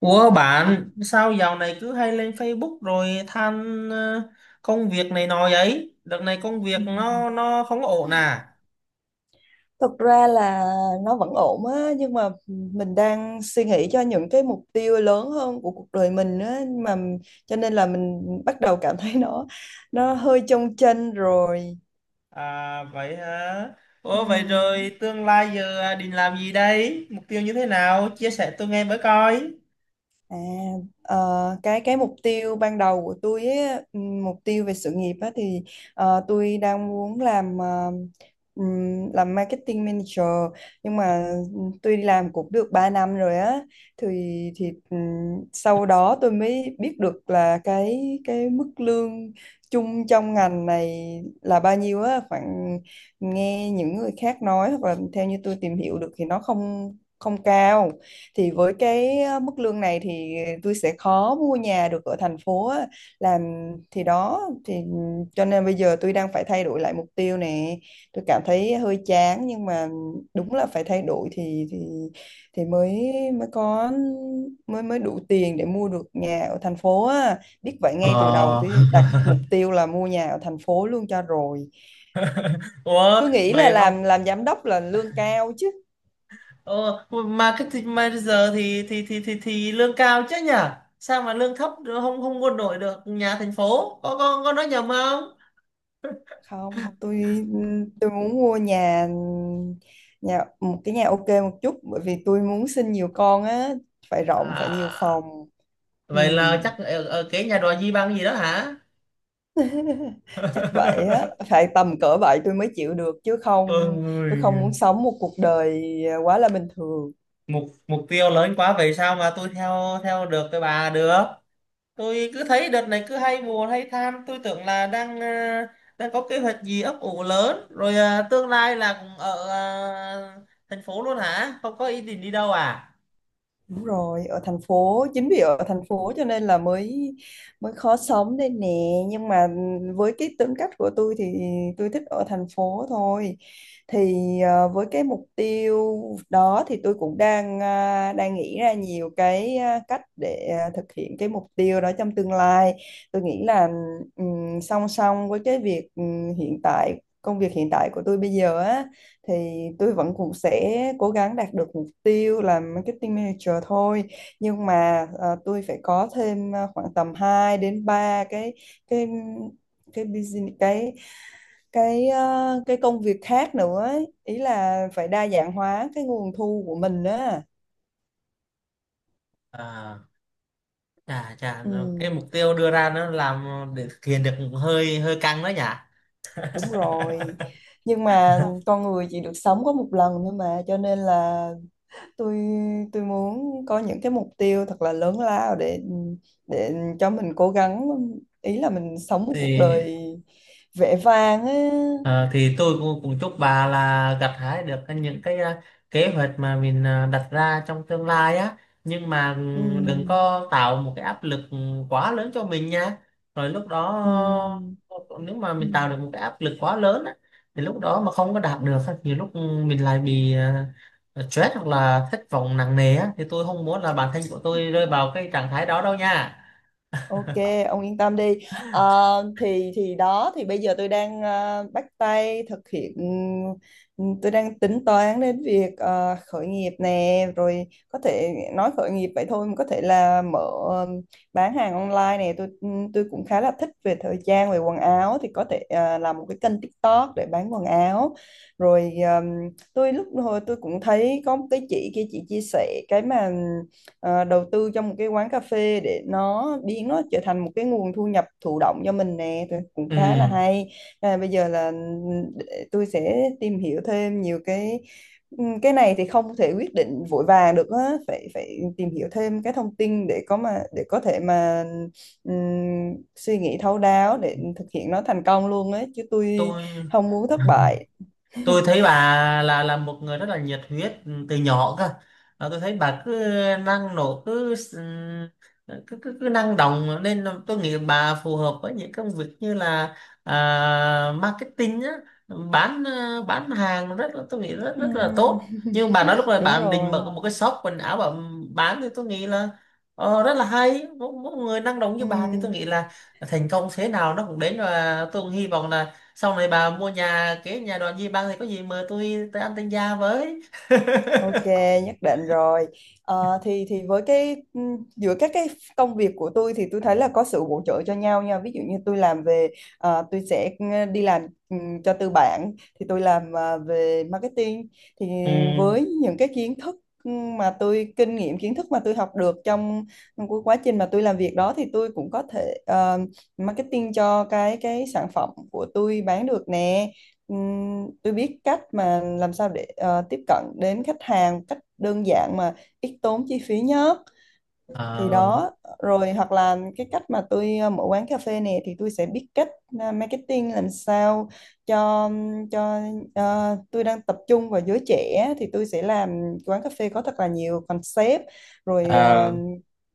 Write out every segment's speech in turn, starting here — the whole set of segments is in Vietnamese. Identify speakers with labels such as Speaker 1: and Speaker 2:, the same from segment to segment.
Speaker 1: Ủa bạn sao dạo này cứ hay lên Facebook rồi than công việc này nọ vậy? Đợt này công
Speaker 2: Ừ.
Speaker 1: việc nó không ổn à?
Speaker 2: Thật ra là nó vẫn ổn á, nhưng mà mình đang suy nghĩ cho những cái mục tiêu lớn hơn của cuộc đời mình á, mà cho nên là mình bắt đầu cảm thấy nó hơi chông chênh rồi.
Speaker 1: À vậy hả?
Speaker 2: Ừ.
Speaker 1: Ủa vậy rồi tương lai giờ định làm gì đây? Mục tiêu như thế nào? Chia sẻ tôi nghe với coi.
Speaker 2: À, ờ, cái mục tiêu ban đầu của tôi ấy, mục tiêu về sự nghiệp á, thì tôi đang muốn làm làm marketing manager, nhưng mà tôi đi làm cũng được 3 năm rồi á, thì thì sau đó tôi mới biết được là cái mức lương chung trong ngành này là bao nhiêu, á khoảng nghe những người khác nói hoặc là theo như tôi tìm hiểu được thì nó không không cao. Thì với cái mức lương này thì tôi sẽ khó mua nhà được ở thành phố á. làm thì đó, thì cho nên bây giờ tôi đang phải thay đổi lại mục tiêu nè, tôi cảm thấy hơi chán nhưng mà đúng là phải thay đổi, thì mới mới có, mới mới đủ tiền để mua được nhà ở thành phố á. Biết vậy, ngay từ đầu
Speaker 1: Ờ.
Speaker 2: tôi đặt mục tiêu là mua nhà ở thành phố luôn cho rồi.
Speaker 1: Ủa
Speaker 2: Cứ nghĩ là
Speaker 1: vậy không?
Speaker 2: làm giám đốc là lương cao chứ.
Speaker 1: Ờ marketing manager thì lương cao chứ nhỉ? Sao mà lương thấp không không quân đội được nhà thành phố? Có nói nhầm không?
Speaker 2: Không, tôi muốn mua nhà nhà một cái nhà ok một chút, bởi vì tôi muốn sinh nhiều con á, phải rộng, phải
Speaker 1: À,
Speaker 2: nhiều phòng. Ừ.
Speaker 1: vậy là chắc ở cái nhà đòi di băng gì đó hả?
Speaker 2: Chắc vậy á, phải tầm cỡ vậy tôi mới chịu được chứ không, tôi
Speaker 1: Ôi,
Speaker 2: không muốn sống một cuộc đời quá là bình thường.
Speaker 1: mục mục tiêu lớn quá vậy sao mà tôi theo theo được cái bà được. Tôi cứ thấy đợt này cứ hay buồn hay than, tôi tưởng là đang đang có kế hoạch gì ấp ủ lớn rồi tương lai là cũng ở thành phố luôn hả, không có ý định đi đâu à?
Speaker 2: Đúng rồi, ở thành phố, chính vì ở thành phố cho nên là mới mới khó sống đây nè, nhưng mà với cái tính cách của tôi thì tôi thích ở thành phố thôi. Thì với cái mục tiêu đó thì tôi cũng đang đang nghĩ ra nhiều cái, cách để thực hiện cái mục tiêu đó trong tương lai. Tôi nghĩ là song song với cái việc hiện tại công việc hiện tại của tôi bây giờ á, thì tôi vẫn cũng sẽ cố gắng đạt được mục tiêu là marketing manager thôi, nhưng mà tôi phải có thêm khoảng tầm 2 đến 3 cái cái business, cái cái công việc khác nữa ấy. Ý là phải đa dạng hóa cái nguồn thu của mình á.
Speaker 1: à chà chà,
Speaker 2: Ừ,
Speaker 1: cái mục tiêu đưa ra nó làm để thực hiện được hơi hơi căng đó nhỉ.
Speaker 2: đúng rồi, nhưng mà con người chỉ được sống có một lần thôi mà cho nên là tôi tôi muốn có những cái mục tiêu thật là lớn lao để cho mình cố gắng, ý là mình sống một cuộc
Speaker 1: thì
Speaker 2: đời vẻ vang á.
Speaker 1: Ờ, thì tôi cũng chúc bà là gặt hái được những kế hoạch mà mình đặt ra trong tương lai á, nhưng mà
Speaker 2: Ừ.
Speaker 1: đừng có tạo một cái áp lực quá lớn cho mình nha. Rồi lúc đó nếu mà
Speaker 2: Ừ.
Speaker 1: mình tạo được một cái áp lực quá lớn á thì lúc đó mà không có đạt được á, nhiều lúc mình lại bị stress hoặc là thất vọng nặng nề á thì tôi không muốn là bản thân của tôi rơi vào cái trạng thái đó đâu nha.
Speaker 2: Ok, ông yên tâm đi. À, thì đó, thì bây giờ tôi đang bắt tay thực hiện, tôi đang tính toán đến việc khởi nghiệp nè. Rồi có thể nói khởi nghiệp vậy thôi, mà có thể là mở bán hàng online nè. Tôi cũng khá là thích về thời trang, về quần áo, thì có thể làm một cái kênh TikTok để bán quần áo. Rồi ừm, tôi lúc hồi tôi cũng thấy có một cái chị kia, chị chia sẻ cái mà đầu tư trong một cái quán cà phê để nó biến nó trở thành một cái nguồn thu nhập thụ động cho mình nè, thì cũng khá là
Speaker 1: Ừm,
Speaker 2: hay. Bây giờ là để tôi sẽ tìm hiểu thêm nhiều cái, cái này thì không thể quyết định vội vàng được á, phải phải tìm hiểu thêm cái thông tin để có mà để có thể mà ừm, suy nghĩ thấu đáo để thực hiện nó thành công luôn ấy chứ, tôi
Speaker 1: tôi
Speaker 2: không muốn thất bại.
Speaker 1: tôi thấy bà là một người rất là nhiệt huyết từ nhỏ cơ. Và tôi thấy bà cứ năng nổ, cứ s- cứ cứ, cứ năng động, nên là tôi nghĩ bà phù hợp với những công việc như là marketing á, bán hàng rất là, tôi nghĩ rất rất là
Speaker 2: Ừm.
Speaker 1: tốt. Nhưng bà nói lúc này
Speaker 2: Đúng
Speaker 1: bạn định mở
Speaker 2: rồi.
Speaker 1: một cái shop quần áo bà bán thì tôi nghĩ là rất là hay, một người năng động như bà thì tôi
Speaker 2: Ừm.
Speaker 1: nghĩ là thành công thế nào nó cũng đến, và tôi cũng hy vọng là sau này bà mua nhà, cái nhà đoàn gì bang thì có gì mời tôi tới ăn tân gia với.
Speaker 2: Ok, nhất định rồi. Ờ, thì với cái, giữa các cái công việc của tôi thì tôi thấy là có sự bổ trợ cho nhau nha. Ví dụ như tôi làm về, tôi sẽ đi làm cho tư bản, thì tôi làm về marketing, thì
Speaker 1: Ừ.
Speaker 2: với những cái kiến thức mà tôi, kinh nghiệm kiến thức mà tôi học được trong cái quá trình mà tôi làm việc đó, thì tôi cũng có thể marketing cho cái sản phẩm của tôi bán được nè. Tôi biết cách mà làm sao để tiếp cận đến khách hàng cách đơn giản mà ít tốn chi phí nhất, thì
Speaker 1: Ờ,
Speaker 2: đó. Rồi hoặc là cái cách mà tôi mở quán cà phê này, thì tôi sẽ biết cách marketing làm sao cho cho tôi đang tập trung vào giới trẻ, thì tôi sẽ làm quán cà phê có thật là nhiều concept. Rồi
Speaker 1: ờ,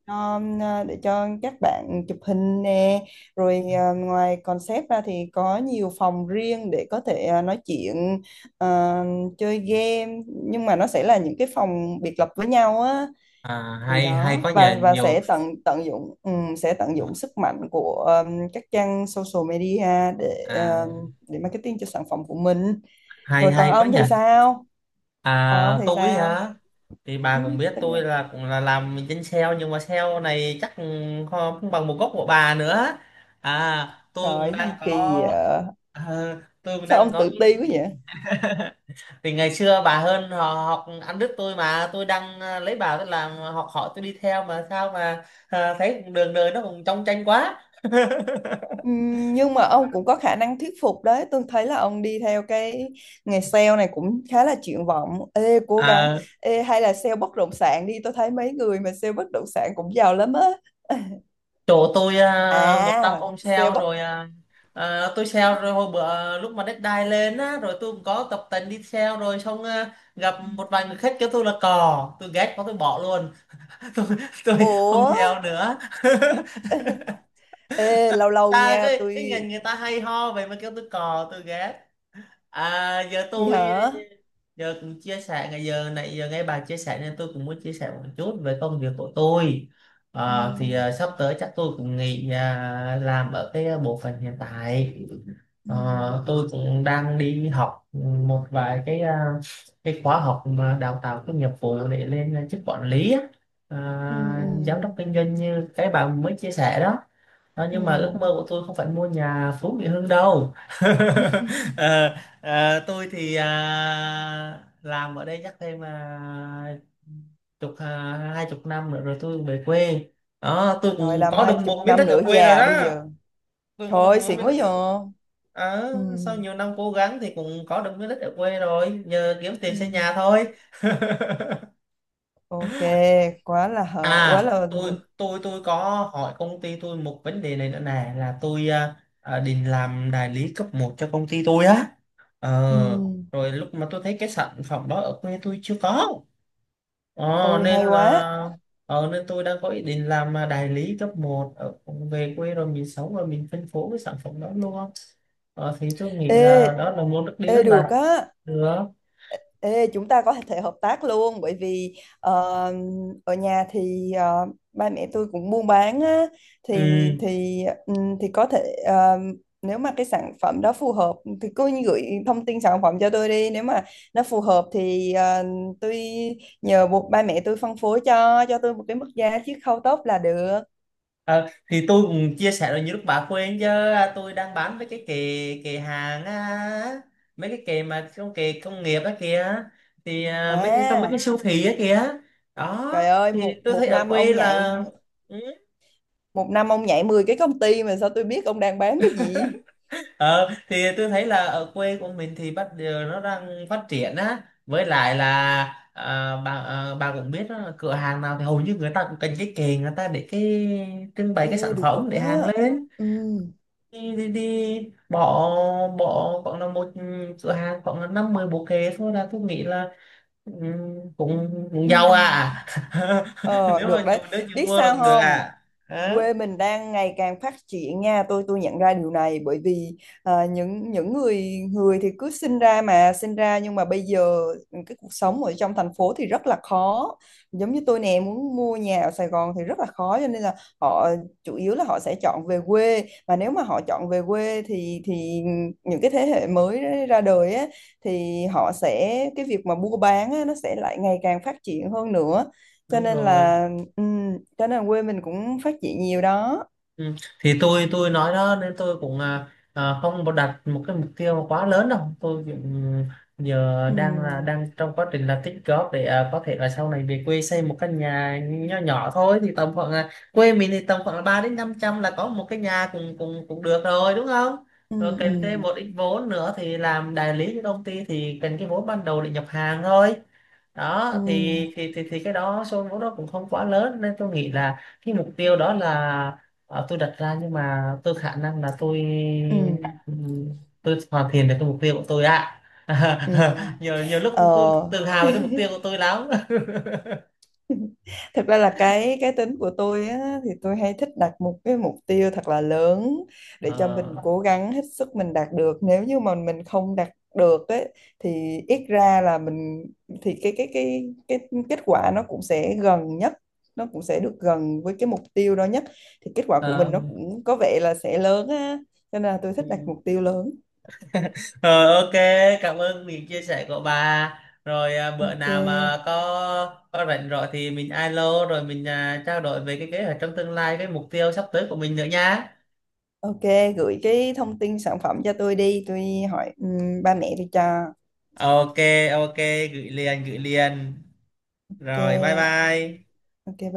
Speaker 2: để cho các bạn chụp hình nè. Rồi ngoài concept ra thì có nhiều phòng riêng để có thể nói chuyện, à, chơi game, nhưng mà nó sẽ là những cái phòng biệt lập với nhau á.
Speaker 1: à,
Speaker 2: Thì
Speaker 1: hay hay
Speaker 2: đó,
Speaker 1: có nhà
Speaker 2: và
Speaker 1: nhiều.
Speaker 2: sẽ tận tận dụng, sẽ tận dụng sức mạnh của các trang social media để
Speaker 1: à,
Speaker 2: ừm, để marketing cho sản phẩm của mình.
Speaker 1: Hay
Speaker 2: Rồi còn
Speaker 1: hay có
Speaker 2: ông thì
Speaker 1: nhà.
Speaker 2: sao? Còn ông thì
Speaker 1: Tôi
Speaker 2: sao?
Speaker 1: hả? Thì bà
Speaker 2: Ừ,
Speaker 1: cũng biết
Speaker 2: tính-
Speaker 1: tôi là cũng là làm trên sale nhưng mà sale này chắc không không bằng một gốc của bà nữa. Tôi
Speaker 2: trời
Speaker 1: cũng
Speaker 2: cái
Speaker 1: đang
Speaker 2: gì
Speaker 1: có,
Speaker 2: kỳ vậy?
Speaker 1: ờ, tôi cũng
Speaker 2: Sao
Speaker 1: đang
Speaker 2: ông
Speaker 1: có
Speaker 2: tự
Speaker 1: ít.
Speaker 2: ti quá vậy?
Speaker 1: Thì ngày xưa bà hơn họ, học ăn đứt tôi mà, tôi đang lấy bà tôi làm học hỏi, tôi đi theo mà sao mà thấy đường đời nó cũng trong tranh quá.
Speaker 2: Nhưng mà ông cũng có khả năng thuyết phục đấy. Tôi thấy là ông đi theo cái nghề sale này cũng khá là triển vọng. Ê, cố gắng.
Speaker 1: à,
Speaker 2: Ê, hay là sale bất động sản đi. Tôi thấy mấy người mà sale bất động sản cũng giàu lắm á.
Speaker 1: Chỗ tôi 100
Speaker 2: À,
Speaker 1: ông
Speaker 2: sale
Speaker 1: sale
Speaker 2: bất...
Speaker 1: rồi. Tôi sale rồi hồi bữa lúc mà deadline lên á, rồi tôi cũng có tập tành đi sale rồi xong gặp một vài người khách kêu tôi là cò, tôi ghét quá tôi bỏ luôn. tôi, tôi không
Speaker 2: Ủa?
Speaker 1: theo nữa.
Speaker 2: Ê, lâu lâu
Speaker 1: Ta
Speaker 2: nha.
Speaker 1: cái
Speaker 2: Tôi...
Speaker 1: ngành người ta hay ho vậy mà kêu tôi cò tôi ghét. À, giờ
Speaker 2: Gì
Speaker 1: tôi
Speaker 2: hả?
Speaker 1: giờ cũng chia sẻ, ngày giờ này giờ nghe bà chia sẻ nên tôi cũng muốn chia sẻ một chút về công việc của tôi. Ờ, thì
Speaker 2: Ừm,
Speaker 1: sắp tới chắc tôi cũng nghỉ làm ở cái bộ phận hiện tại.
Speaker 2: ừm,
Speaker 1: Ờ, tôi cũng đang đi học một vài cái khóa học mà đào tạo cái nghiệp vụ để lên chức quản lý á.
Speaker 2: ừm,
Speaker 1: À,
Speaker 2: ừm,
Speaker 1: giám đốc kinh doanh như cái bà mới chia sẻ đó đó, nhưng mà ước mơ
Speaker 2: ừm.
Speaker 1: của tôi không phải mua nhà Phú Mỹ Hưng đâu. Ờ, tôi thì làm ở đây chắc thêm chục à, 20 năm nữa rồi tôi về quê. Đó, tôi
Speaker 2: Rồi
Speaker 1: cũng
Speaker 2: làm
Speaker 1: có
Speaker 2: hai
Speaker 1: được
Speaker 2: chục
Speaker 1: một miếng
Speaker 2: năm
Speaker 1: đất ở
Speaker 2: nữa
Speaker 1: quê rồi
Speaker 2: già bây
Speaker 1: đó.
Speaker 2: giờ.
Speaker 1: Tôi
Speaker 2: Trời
Speaker 1: có được
Speaker 2: ơi,
Speaker 1: một
Speaker 2: xịn
Speaker 1: miếng
Speaker 2: quá
Speaker 1: đất ở.
Speaker 2: vậy.
Speaker 1: Ờ, sau
Speaker 2: Ừm,
Speaker 1: nhiều năm cố gắng thì cũng có được miếng đất ở quê rồi, giờ kiếm tiền xây
Speaker 2: ừm.
Speaker 1: nhà thôi.
Speaker 2: Ok, quá là hở, quá
Speaker 1: À,
Speaker 2: là
Speaker 1: tôi có hỏi công ty tôi một vấn đề này nữa nè, là tôi định làm đại lý cấp một cho công ty tôi á. Ờ,
Speaker 2: ừm,
Speaker 1: rồi lúc mà tôi thấy cái sản phẩm đó ở quê tôi chưa có. Ờ,
Speaker 2: ôi
Speaker 1: nên
Speaker 2: hay quá.
Speaker 1: là nên tôi đang có ý định làm đại lý cấp một ở, về quê rồi mình sống rồi mình phân phối cái sản phẩm đó luôn. Ờ, thì tôi nghĩ là
Speaker 2: Ê,
Speaker 1: đó là một bước đi
Speaker 2: ê
Speaker 1: rất
Speaker 2: được
Speaker 1: là
Speaker 2: á.
Speaker 1: được.
Speaker 2: Ê, chúng ta có thể hợp tác luôn, bởi vì ở nhà thì ba mẹ tôi cũng buôn bán á,
Speaker 1: Ừ.
Speaker 2: thì thì thì có thể nếu mà cái sản phẩm đó phù hợp thì cứ gửi thông tin sản phẩm cho tôi đi, nếu mà nó phù hợp thì tôi nhờ buộc ba mẹ tôi phân phối cho tôi một cái mức giá chiết khấu tốt là được.
Speaker 1: Ờ, thì tôi cũng chia sẻ, là như lúc bà khuyên chứ tôi đang bán với cái kệ kệ hàng á, mấy cái kệ mà trong kệ công nghiệp á kìa, thì mấy cái trong mấy
Speaker 2: À.
Speaker 1: cái siêu thị á kìa. Đó,
Speaker 2: Trời ơi,
Speaker 1: thì
Speaker 2: một
Speaker 1: tôi thấy
Speaker 2: một
Speaker 1: ở
Speaker 2: năm
Speaker 1: quê
Speaker 2: ông
Speaker 1: là
Speaker 2: nhảy
Speaker 1: ừ,
Speaker 2: một năm ông nhảy 10 cái công ty mà sao tôi biết ông đang bán cái gì?
Speaker 1: ờ, thì tôi thấy là ở quê của mình thì bắt giờ nó đang phát triển á, với lại là bà cũng biết đó là cửa hàng nào thì hầu như người ta cũng cần cái kệ, người ta để cái trưng bày, cái
Speaker 2: Ê,
Speaker 1: sản
Speaker 2: được
Speaker 1: phẩm để hàng
Speaker 2: á.
Speaker 1: lên.
Speaker 2: Ừ.
Speaker 1: Đi đi đi, bỏ bỏ khoảng là một cửa hàng khoảng là năm mười bộ kệ thôi là tôi nghĩ là cũng
Speaker 2: Ừ.
Speaker 1: giàu à.
Speaker 2: Ờ,
Speaker 1: Nếu
Speaker 2: được
Speaker 1: mà chịu
Speaker 2: đấy.
Speaker 1: đứa chịu
Speaker 2: Biết
Speaker 1: mua là
Speaker 2: sao
Speaker 1: cũng được
Speaker 2: không?
Speaker 1: à. Hả?
Speaker 2: Quê mình đang ngày càng phát triển nha, tôi nhận ra điều này bởi vì những người, người thì cứ sinh ra mà sinh ra, nhưng mà bây giờ cái cuộc sống ở trong thành phố thì rất là khó. Giống như tôi nè, muốn mua nhà ở Sài Gòn thì rất là khó, cho nên là họ, chủ yếu là họ sẽ chọn về quê, và nếu mà họ chọn về quê thì những cái thế hệ mới ra đời á, thì họ sẽ, cái việc mà mua bán á, nó sẽ lại ngày càng phát triển hơn nữa, cho
Speaker 1: Đúng
Speaker 2: nên
Speaker 1: rồi.
Speaker 2: là, ừ, cho nên quê mình cũng phát triển nhiều đó.
Speaker 1: Ừ. Thì tôi nói đó, nên tôi cũng không có đặt một cái mục tiêu quá lớn đâu, tôi cũng giờ
Speaker 2: Ừ,
Speaker 1: đang trong quá trình là tích góp để có thể là sau này về quê xây một căn nhà nhỏ nhỏ thôi, thì tầm khoảng là quê mình thì tầm khoảng là ba đến năm trăm là có một cái nhà cũng cũng cũng được rồi đúng không.
Speaker 2: ừ,
Speaker 1: Rồi kèm thêm
Speaker 2: ừ,
Speaker 1: một ít vốn nữa thì làm đại lý cho công ty thì cần cái vốn ban đầu để nhập hàng thôi. Đó
Speaker 2: ừ,
Speaker 1: thì cái đó số vốn đó cũng không quá lớn nên tôi nghĩ là cái mục tiêu đó là, Ờ, tôi đặt ra nhưng mà tôi khả năng là tôi
Speaker 2: ừ,
Speaker 1: ừ, tôi hoàn thiện được cái mục tiêu của tôi ạ.
Speaker 2: ừ.
Speaker 1: nhiều nhiều lúc tôi
Speaker 2: Ờ,
Speaker 1: tự hào về cái mục tiêu của tôi lắm.
Speaker 2: thật ra là cái tính của tôi á, thì tôi hay thích đặt một cái mục tiêu thật là lớn để cho
Speaker 1: Ờ,
Speaker 2: mình cố gắng hết sức mình đạt được. Nếu như mà mình không đạt được ấy, thì ít ra là mình, thì cái kết quả nó cũng sẽ gần nhất, nó cũng sẽ được gần với cái mục tiêu đó nhất. Thì kết quả của mình
Speaker 1: ờ,
Speaker 2: nó cũng có vẻ là sẽ lớn á. Cho nên là tôi thích đặt
Speaker 1: ừm.
Speaker 2: mục tiêu lớn.
Speaker 1: Ờ, ok, cảm ơn những chia sẻ của bà. Rồi bữa nào mà
Speaker 2: Ok.
Speaker 1: có rảnh rồi thì mình alo rồi mình trao đổi về cái kế hoạch trong tương lai, cái mục tiêu sắp tới của mình nữa nha.
Speaker 2: Ok, gửi cái thông tin sản phẩm cho tôi đi, tôi hỏi ba mẹ tôi cho.
Speaker 1: Ok, ok, gửi liền gửi liền, rồi bye
Speaker 2: Ok.
Speaker 1: bye.
Speaker 2: Ok bye.